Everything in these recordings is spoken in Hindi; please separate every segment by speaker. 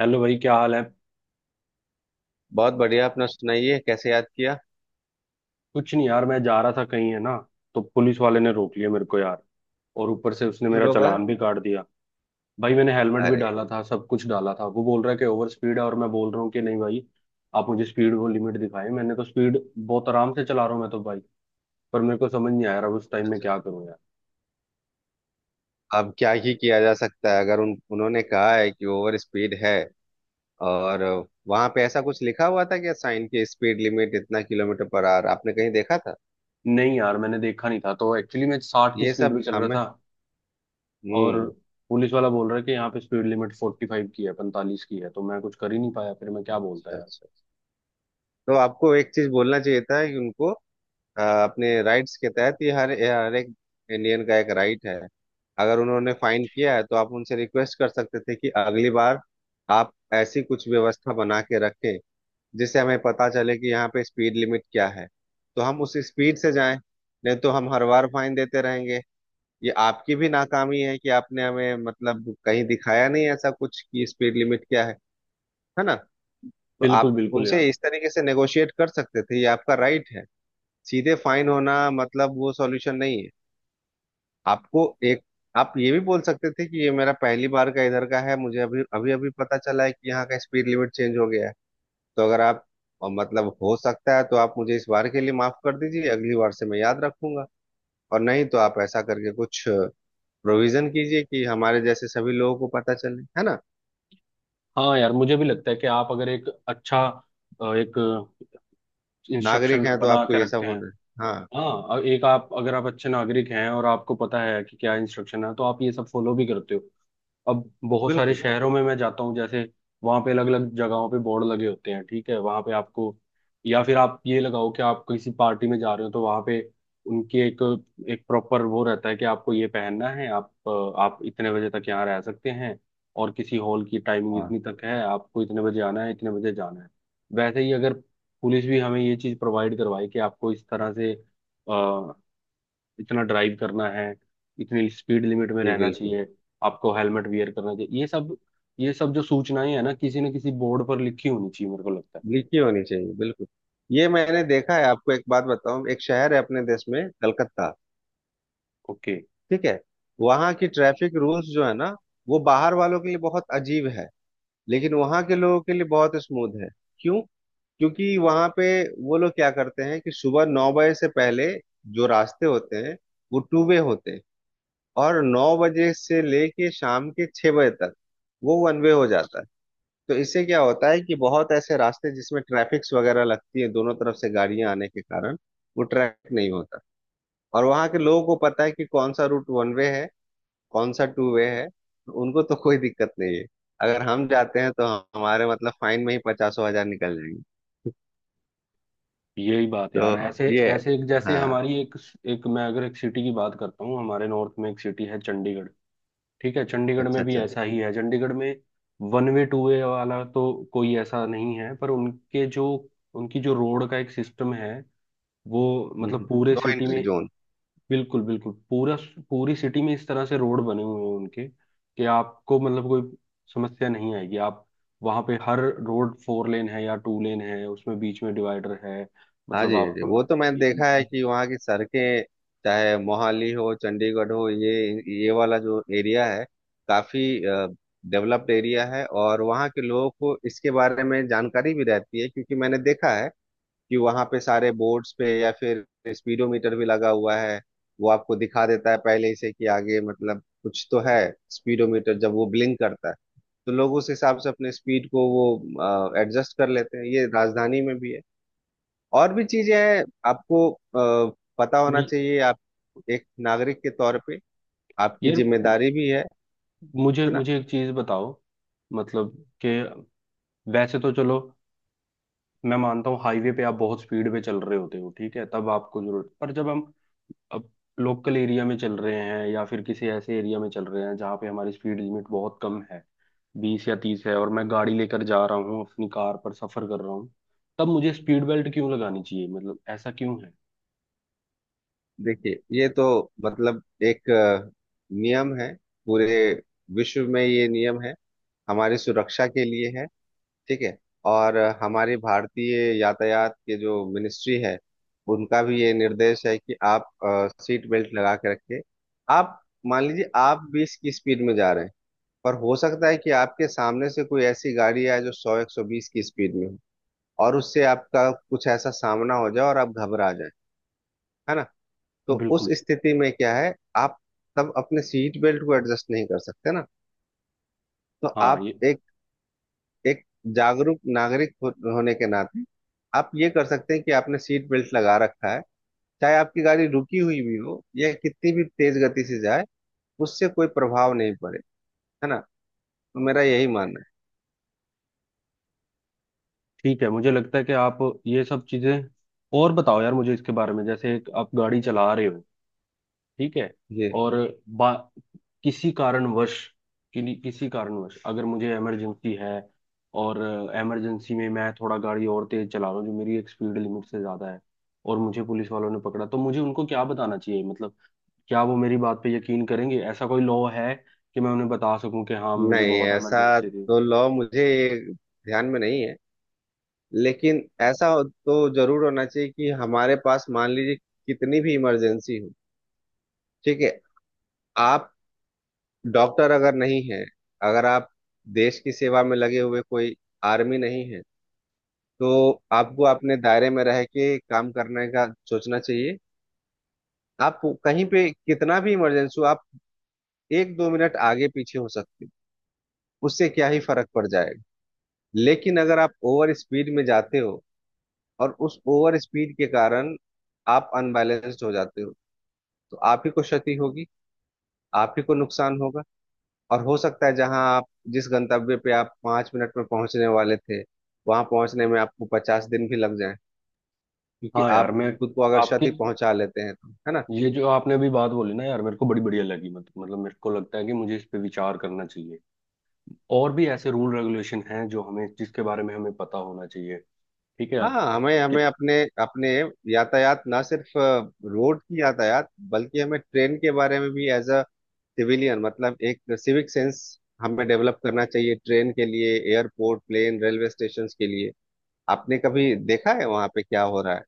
Speaker 1: हेलो भाई, क्या हाल है?
Speaker 2: बहुत बढ़िया। अपना सुनाइए, कैसे याद किया?
Speaker 1: कुछ नहीं यार, मैं जा रहा था कहीं, है ना। तो पुलिस वाले ने रोक लिया मेरे को यार। और ऊपर से उसने
Speaker 2: क्यों
Speaker 1: मेरा
Speaker 2: रोका?
Speaker 1: चालान भी काट दिया। भाई, मैंने हेलमेट भी
Speaker 2: अरे।
Speaker 1: डाला था, सब कुछ डाला था। वो बोल रहा है कि ओवर स्पीड है और मैं बोल रहा हूँ कि नहीं भाई, आप मुझे स्पीड वो लिमिट दिखाएं। मैंने तो स्पीड बहुत आराम से चला रहा हूँ मैं तो भाई। पर मेरे को समझ नहीं आया रहा उस टाइम में,
Speaker 2: अच्छा।
Speaker 1: क्या करूँ यार।
Speaker 2: अब क्या ही किया जा सकता है अगर उन उन्होंने कहा है कि ओवर स्पीड है। और वहां पे ऐसा कुछ लिखा हुआ था क्या? साइन की स्पीड लिमिट इतना किलोमीटर पर आवर, आपने कहीं देखा था?
Speaker 1: नहीं यार, मैंने देखा नहीं था, तो एक्चुअली मैं 60 की
Speaker 2: ये
Speaker 1: स्पीड
Speaker 2: सब
Speaker 1: में चल रहा
Speaker 2: हमें।
Speaker 1: था। और
Speaker 2: हम्म।
Speaker 1: पुलिस वाला बोल रहा है कि यहाँ पे स्पीड लिमिट 45 की है, 45 की है। तो मैं कुछ कर ही नहीं पाया, फिर मैं क्या बोलता
Speaker 2: अच्छा,
Speaker 1: यार।
Speaker 2: अच्छा। तो आपको एक चीज बोलना चाहिए था कि उनको अपने राइट्स के तहत, ये हर हर एक इंडियन का एक राइट है। अगर उन्होंने फाइन किया है तो आप उनसे रिक्वेस्ट कर सकते थे कि अगली बार आप ऐसी कुछ व्यवस्था बना के रखें जिससे हमें पता चले कि यहाँ पे स्पीड लिमिट क्या है, तो हम उस स्पीड से जाएं। नहीं तो हम हर बार फाइन देते रहेंगे। ये आपकी भी नाकामी है कि आपने हमें मतलब कहीं दिखाया नहीं ऐसा कुछ कि स्पीड लिमिट क्या है ना। तो
Speaker 1: बिल्कुल
Speaker 2: आप
Speaker 1: बिल्कुल यार।
Speaker 2: उनसे इस तरीके से नेगोशिएट कर सकते थे, ये आपका राइट है। सीधे फाइन होना मतलब वो सॉल्यूशन नहीं है। आपको एक, आप ये भी बोल सकते थे कि ये मेरा पहली बार का इधर का है, मुझे अभी अभी अभी पता चला है कि यहाँ का स्पीड लिमिट चेंज हो गया है। तो अगर आप, और मतलब हो सकता है तो आप मुझे इस बार के लिए माफ कर दीजिए, अगली बार से मैं याद रखूंगा। और नहीं तो आप ऐसा करके कुछ प्रोविजन कीजिए कि हमारे जैसे सभी लोगों को पता चले, है ना।
Speaker 1: हाँ यार, मुझे भी लगता है कि आप अगर एक अच्छा एक इंस्ट्रक्शन
Speaker 2: नागरिक हैं तो
Speaker 1: बना
Speaker 2: आपको
Speaker 1: के
Speaker 2: ये सब
Speaker 1: रखते हैं।
Speaker 2: होना है। हाँ।
Speaker 1: हाँ, एक आप अगर आप अच्छे नागरिक हैं और आपको पता है कि क्या इंस्ट्रक्शन है तो आप ये सब फॉलो भी करते हो। अब बहुत सारे
Speaker 2: बिल्कुल।
Speaker 1: शहरों में मैं जाता हूँ, जैसे वहां पे अलग अलग जगहों पे बोर्ड लगे होते हैं। ठीक है, वहां पे आपको, या फिर आप ये लगाओ कि आप किसी पार्टी में जा रहे हो तो वहां पे उनकी एक एक प्रॉपर वो रहता है कि आपको ये पहनना है। आप इतने बजे तक यहाँ रह सकते हैं। और किसी हॉल की टाइमिंग
Speaker 2: हाँ
Speaker 1: इतनी तक है, आपको इतने बजे आना है इतने बजे जाना है। वैसे ही अगर पुलिस भी हमें ये चीज प्रोवाइड करवाए कि आपको इस तरह से इतना ड्राइव करना है, इतनी स्पीड लिमिट में
Speaker 2: जी,
Speaker 1: रहना
Speaker 2: बिल्कुल।
Speaker 1: चाहिए, आपको हेलमेट वियर करना चाहिए। ये सब जो सूचनाएं है ना किसी न किसी बोर्ड पर लिखी होनी चाहिए, मेरे को लगता है।
Speaker 2: लीची होनी चाहिए, बिल्कुल। ये मैंने देखा है, आपको एक बात बताऊं। एक शहर है अपने देश में, कलकत्ता,
Speaker 1: ओके।
Speaker 2: ठीक है। वहां की ट्रैफिक रूल्स जो है ना, वो बाहर वालों के लिए बहुत अजीब है, लेकिन वहां के लोगों के लिए बहुत स्मूथ है। क्यों? क्योंकि वहां पे, वो लोग क्या करते हैं कि सुबह 9 बजे से पहले जो रास्ते होते हैं वो टू वे होते हैं, और 9 बजे से लेके शाम के 6 बजे तक वो वन वे हो जाता है। तो इससे क्या होता है कि बहुत ऐसे रास्ते जिसमें ट्रैफिक्स वगैरह लगती है दोनों तरफ से गाड़ियां आने के कारण, वो ट्रैफिक नहीं होता। और वहां के लोगों को पता है कि कौन सा रूट वन वे है, कौन सा टू वे है, तो उनको तो कोई दिक्कत नहीं है। अगर हम जाते हैं तो हमारे मतलब फाइन में ही पचासों हजार निकल जाएंगे।
Speaker 1: यही बात है यार, ऐसे
Speaker 2: तो ये है।
Speaker 1: ऐसे एक जैसे
Speaker 2: हाँ।
Speaker 1: हमारी एक एक मैं अगर एक सिटी की बात करता हूँ हमारे नॉर्थ में, एक सिटी है चंडीगढ़। ठीक है, चंडीगढ़
Speaker 2: अच्छा,
Speaker 1: में भी
Speaker 2: अच्छा।
Speaker 1: ऐसा ही है। चंडीगढ़ में वन वे टू वे वाला तो कोई ऐसा नहीं है, पर उनके जो उनकी जो रोड का एक सिस्टम है वो, मतलब पूरे
Speaker 2: नो
Speaker 1: सिटी
Speaker 2: एंट्री
Speaker 1: में।
Speaker 2: जोन।
Speaker 1: बिल्कुल बिल्कुल, पूरा पूरी सिटी में इस तरह से रोड बने हुए हैं उनके कि आपको मतलब कोई समस्या नहीं आएगी। आप वहां पे हर रोड फोर लेन है या टू लेन है, उसमें बीच में डिवाइडर है।
Speaker 2: हाँ
Speaker 1: मतलब
Speaker 2: जी, हाँ
Speaker 1: आप
Speaker 2: जी, वो तो मैंने देखा है
Speaker 1: ये-
Speaker 2: कि वहाँ की सड़कें, चाहे मोहाली हो, चंडीगढ़ हो, ये वाला जो एरिया है, काफी डेवलप्ड एरिया है, और वहाँ के लोगों को इसके बारे में जानकारी भी रहती है, क्योंकि मैंने देखा है कि वहाँ पे सारे बोर्ड्स पे या फिर स्पीडोमीटर भी लगा हुआ है। वो आपको दिखा देता है पहले ही से कि आगे मतलब कुछ तो है। स्पीडोमीटर जब वो ब्लिंक करता है तो लोग उस हिसाब से अपने स्पीड को वो एडजस्ट कर लेते हैं। ये राजधानी में भी है, और भी चीजें हैं। आपको पता होना चाहिए, आप एक नागरिक के तौर पे, आपकी
Speaker 1: यार,
Speaker 2: जिम्मेदारी भी है
Speaker 1: मुझे
Speaker 2: है ना।
Speaker 1: मुझे एक चीज बताओ, मतलब कि वैसे तो चलो, मैं मानता हूँ हाईवे पे आप बहुत स्पीड पे चल रहे होते हो, ठीक है तब आपको जरूरत पर। जब हम अब लोकल एरिया में चल रहे हैं या फिर किसी ऐसे एरिया में चल रहे हैं जहाँ पे हमारी स्पीड लिमिट बहुत कम है, 20 या 30 है और मैं गाड़ी लेकर जा रहा हूँ अपनी कार पर सफर कर रहा हूँ, तब मुझे स्पीड बेल्ट क्यों लगानी चाहिए, मतलब ऐसा क्यों है?
Speaker 2: देखिए, ये तो मतलब एक नियम है। पूरे विश्व में ये नियम है, हमारी सुरक्षा के लिए है, ठीक है। और हमारी भारतीय यातायात के जो मिनिस्ट्री है, उनका भी ये निर्देश है कि आप सीट बेल्ट लगा के रखें। आप मान लीजिए आप 20 की स्पीड में जा रहे हैं, पर हो सकता है कि आपके सामने से कोई ऐसी गाड़ी आए जो 100, 120 की स्पीड में हो, और उससे आपका कुछ ऐसा सामना हो जाए और आप घबरा जाए, है ना। तो उस
Speaker 1: बिल्कुल।
Speaker 2: स्थिति में क्या है, आप तब अपने सीट बेल्ट को एडजस्ट नहीं कर सकते ना। तो
Speaker 1: हाँ
Speaker 2: आप
Speaker 1: ये
Speaker 2: एक, एक जागरूक नागरिक हो, होने के नाते आप ये कर सकते हैं कि आपने सीट बेल्ट लगा रखा है, चाहे आपकी गाड़ी रुकी हुई भी हो या कितनी भी तेज गति से जाए, उससे कोई प्रभाव नहीं पड़े, है ना। तो मेरा यही मानना है।
Speaker 1: ठीक है, मुझे लगता है कि आप ये सब चीजें। और बताओ यार मुझे इसके बारे में, जैसे एक आप गाड़ी चला रहे हो ठीक है
Speaker 2: जी।
Speaker 1: और बा किसी कारणवश, किसी कारणवश अगर मुझे इमरजेंसी है और इमरजेंसी में मैं थोड़ा गाड़ी और तेज चला रहा हूँ जो मेरी एक स्पीड लिमिट से ज्यादा है, और मुझे पुलिस वालों ने पकड़ा तो मुझे उनको क्या बताना चाहिए? मतलब क्या वो मेरी बात पे यकीन करेंगे? ऐसा कोई लॉ है कि मैं उन्हें बता सकूं कि हाँ मुझे
Speaker 2: नहीं,
Speaker 1: बहुत
Speaker 2: ऐसा
Speaker 1: इमरजेंसी थी?
Speaker 2: तो लॉ मुझे ध्यान में नहीं है। लेकिन तो जरूर होना चाहिए कि हमारे पास, मान लीजिए कितनी भी इमरजेंसी हो, ठीक है। आप डॉक्टर अगर नहीं है, अगर आप देश की सेवा में लगे हुए कोई आर्मी नहीं है, तो आपको अपने दायरे में रह के काम करने का सोचना चाहिए। आप कहीं पे कितना भी इमरजेंसी हो, आप एक दो मिनट आगे पीछे हो सकते हो, उससे क्या ही फर्क पड़ जाएगा। लेकिन अगर आप ओवर स्पीड में जाते हो, और उस ओवर स्पीड के कारण आप अनबैलेंस्ड हो जाते हो, तो आप ही को क्षति होगी, आप ही को नुकसान होगा। और हो सकता है जहां आप, जिस गंतव्य पे आप 5 मिनट में पहुंचने वाले थे, वहां पहुंचने में आपको 50 दिन भी लग जाए, क्योंकि
Speaker 1: हाँ यार,
Speaker 2: आप
Speaker 1: मैं
Speaker 2: खुद को अगर
Speaker 1: आपकी
Speaker 2: क्षति पहुंचा लेते हैं तो, है ना।
Speaker 1: ये जो आपने अभी बात बोली ना यार, मेरे को बड़ी बढ़िया लगी। मतलब मेरे को लगता है कि मुझे इस पे विचार करना चाहिए। और भी ऐसे रूल रेगुलेशन हैं जो हमें जिसके बारे में हमें पता होना चाहिए। ठीक है।
Speaker 2: हाँ,
Speaker 1: कि,
Speaker 2: हमें
Speaker 1: कि,
Speaker 2: हमें अपने अपने यातायात, ना सिर्फ रोड की यातायात बल्कि हमें ट्रेन के बारे में भी, एज अ सिविलियन मतलब एक सिविक सेंस हमें डेवलप करना चाहिए। ट्रेन के लिए, एयरपोर्ट, प्लेन, रेलवे स्टेशन के लिए, आपने कभी देखा है वहां पे क्या हो रहा है?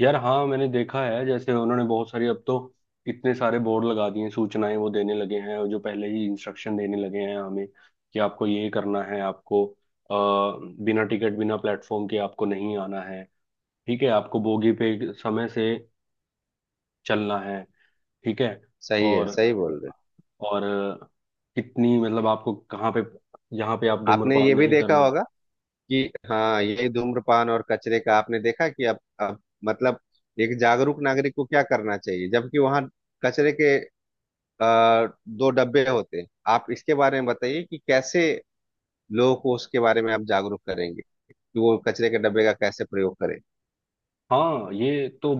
Speaker 1: यार हाँ मैंने देखा है, जैसे उन्होंने बहुत सारी अब तो इतने सारे बोर्ड लगा दिए हैं, सूचनाएं वो देने लगे हैं और जो पहले ही इंस्ट्रक्शन देने लगे हैं हमें कि आपको ये करना है, आपको बिना टिकट बिना प्लेटफॉर्म के आपको नहीं आना है। ठीक है, आपको बोगी पे समय से चलना है। ठीक है।
Speaker 2: सही है,
Speaker 1: और
Speaker 2: सही बोल रहे
Speaker 1: और कितनी मतलब आपको कहाँ पे, यहाँ पे आप
Speaker 2: हैं। आपने
Speaker 1: धूम्रपान
Speaker 2: ये भी
Speaker 1: नहीं
Speaker 2: देखा
Speaker 1: करना।
Speaker 2: होगा कि, हाँ, ये धूम्रपान और कचरे का आपने देखा कि अब मतलब एक जागरूक नागरिक को क्या करना चाहिए, जबकि वहां कचरे के दो डब्बे होते हैं। आप इसके बारे में बताइए कि कैसे लोगों को उसके बारे में आप जागरूक करेंगे कि वो कचरे के डब्बे का कैसे प्रयोग करें।
Speaker 1: हाँ ये तो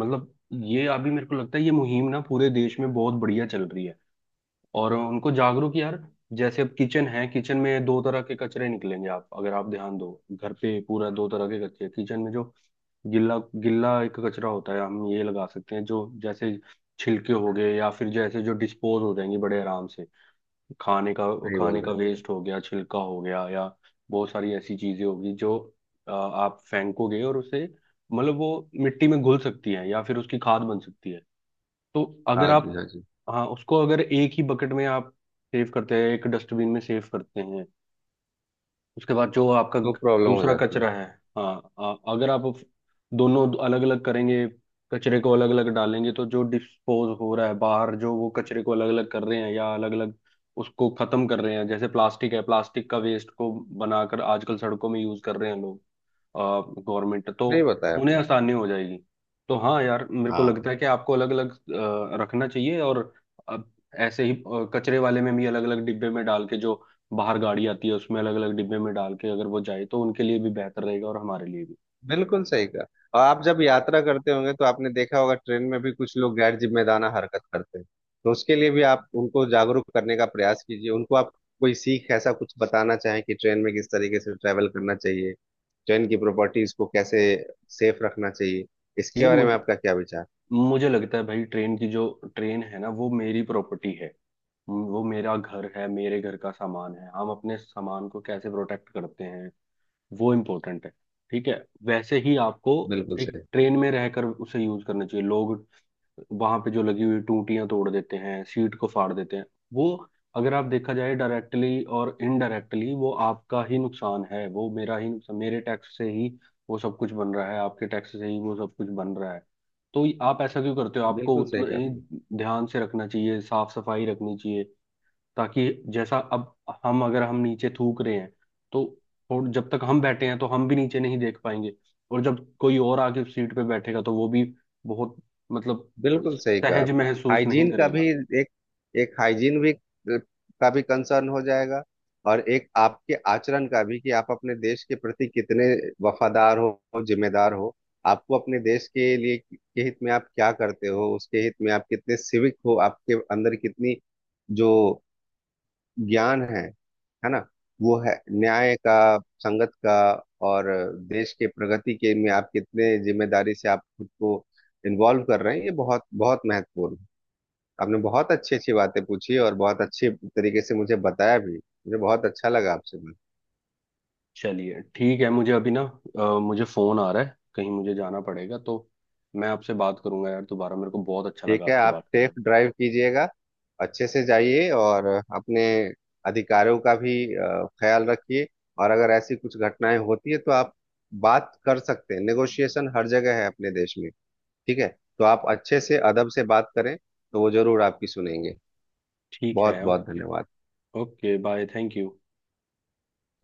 Speaker 1: मतलब, ये अभी मेरे को लगता है ये मुहिम ना पूरे देश में बहुत बढ़िया चल रही है और उनको जागरूक यार। जैसे अब किचन है, किचन में दो तरह के कचरे निकलेंगे। आप अगर आप ध्यान दो घर पे, पूरा दो तरह के कचरे किचन में जो गिल्ला गिल्ला एक कचरा होता है। हम ये लगा सकते हैं जो जैसे छिलके हो गए या फिर जैसे जो डिस्पोज हो जाएंगे बड़े आराम से, खाने का
Speaker 2: सही
Speaker 1: खाने
Speaker 2: बोल रहे
Speaker 1: का
Speaker 2: हैं।
Speaker 1: वेस्ट हो गया छिलका हो गया। या बहुत सारी ऐसी चीजें होगी जो आप फेंकोगे और उसे, मतलब वो मिट्टी में घुल सकती है या फिर उसकी खाद बन सकती है। तो अगर
Speaker 2: हाँ जी,
Speaker 1: आप।
Speaker 2: हाँ जी,
Speaker 1: हाँ, उसको अगर एक ही बकेट में आप सेव करते हैं, एक डस्टबिन में सेव करते हैं उसके बाद जो आपका
Speaker 2: वो प्रॉब्लम हो
Speaker 1: दूसरा
Speaker 2: जाती है।
Speaker 1: कचरा है। हाँ, अगर आप दोनों अलग अलग करेंगे, कचरे को अलग अलग डालेंगे तो जो डिस्पोज हो रहा है बाहर जो वो कचरे को अलग अलग कर रहे हैं या अलग अलग उसको खत्म कर रहे हैं। जैसे प्लास्टिक है, प्लास्टिक का वेस्ट को बनाकर आजकल सड़कों में यूज कर रहे हैं लोग, गवर्नमेंट तो।
Speaker 2: नहीं बताया
Speaker 1: उन्हें
Speaker 2: आपने।
Speaker 1: आसानी हो जाएगी तो। हाँ यार, मेरे को
Speaker 2: हाँ,
Speaker 1: लगता है कि आपको अलग अलग रखना चाहिए और अब ऐसे ही कचरे वाले में भी अलग अलग डिब्बे में डाल के जो बाहर गाड़ी आती है उसमें अलग अलग डिब्बे में डाल के अगर वो जाए तो उनके लिए भी बेहतर रहेगा और हमारे लिए भी।
Speaker 2: बिल्कुल सही कहा। और आप जब यात्रा करते होंगे तो आपने देखा होगा ट्रेन में भी कुछ लोग गैर जिम्मेदाराना हरकत करते हैं, तो उसके लिए भी आप उनको जागरूक करने का प्रयास कीजिए। उनको आप कोई सीख ऐसा कुछ बताना चाहें कि ट्रेन में किस तरीके से ट्रैवल करना चाहिए, ट्रेन की प्रॉपर्टीज को कैसे सेफ रखना चाहिए, इसके
Speaker 1: ये
Speaker 2: बारे
Speaker 1: मुझ,
Speaker 2: में आपका क्या विचार?
Speaker 1: मुझे लगता है भाई, ट्रेन की जो ट्रेन है ना वो मेरी प्रॉपर्टी है, वो मेरा घर है मेरे घर का सामान है। हम अपने सामान को कैसे प्रोटेक्ट करते हैं वो इम्पोर्टेंट है। ठीक है, वैसे ही आपको
Speaker 2: बिल्कुल
Speaker 1: एक
Speaker 2: सही।
Speaker 1: ट्रेन में रहकर उसे यूज करना चाहिए। लोग वहां पे जो लगी हुई टूटियां तोड़ देते हैं, सीट को फाड़ देते हैं वो, अगर आप देखा जाए डायरेक्टली और इनडायरेक्टली वो आपका ही नुकसान है, वो मेरा ही नुकसान। मेरे टैक्स से ही वो सब कुछ बन रहा है, आपके टैक्स से ही वो सब कुछ बन रहा है। तो आप ऐसा क्यों करते हो? आपको
Speaker 2: बिल्कुल सही
Speaker 1: उतना
Speaker 2: कहा।
Speaker 1: ही ध्यान से रखना चाहिए, साफ सफाई रखनी चाहिए। ताकि जैसा अब हम अगर हम नीचे थूक रहे हैं तो, जब तक हम बैठे हैं तो हम भी नीचे नहीं देख पाएंगे। और जब कोई और आके उस सीट पे बैठेगा तो वो भी बहुत मतलब
Speaker 2: बिल्कुल सही कहा
Speaker 1: सहज
Speaker 2: आप।
Speaker 1: महसूस नहीं
Speaker 2: हाइजीन का भी
Speaker 1: करेगा।
Speaker 2: एक, एक हाइजीन भी का भी कंसर्न हो जाएगा। और एक आपके आचरण का भी, कि आप अपने देश के प्रति कितने वफादार हो, जिम्मेदार हो। आपको अपने देश के लिए, के हित में आप क्या करते हो, उसके हित में आप कितने सिविक हो, आपके अंदर कितनी जो ज्ञान है ना, वो है न्याय का, संगत का, और देश के प्रगति के में आप कितने जिम्मेदारी से आप खुद को इन्वॉल्व कर रहे हैं, ये बहुत बहुत महत्वपूर्ण है। आपने बहुत अच्छी अच्छी बातें पूछी और बहुत अच्छे तरीके से मुझे बताया भी। मुझे बहुत अच्छा लगा आपसे मिल।
Speaker 1: चलिए ठीक है, मुझे अभी ना मुझे फोन आ रहा है कहीं, मुझे जाना पड़ेगा तो मैं आपसे बात करूंगा यार दोबारा। मेरे को बहुत अच्छा लगा
Speaker 2: ठीक है,
Speaker 1: आपसे
Speaker 2: आप
Speaker 1: बात
Speaker 2: सेफ
Speaker 1: करना।
Speaker 2: ड्राइव कीजिएगा, अच्छे से जाइए। और अपने अधिकारों का भी ख्याल रखिए। और अगर ऐसी कुछ घटनाएं होती है तो आप बात कर सकते हैं। नेगोशिएशन हर जगह है अपने देश में, ठीक है। तो आप अच्छे से, अदब से बात करें, तो वो जरूर आपकी सुनेंगे।
Speaker 1: ठीक है,
Speaker 2: बहुत बहुत
Speaker 1: ओके।
Speaker 2: धन्यवाद।
Speaker 1: Okay bye, thank you.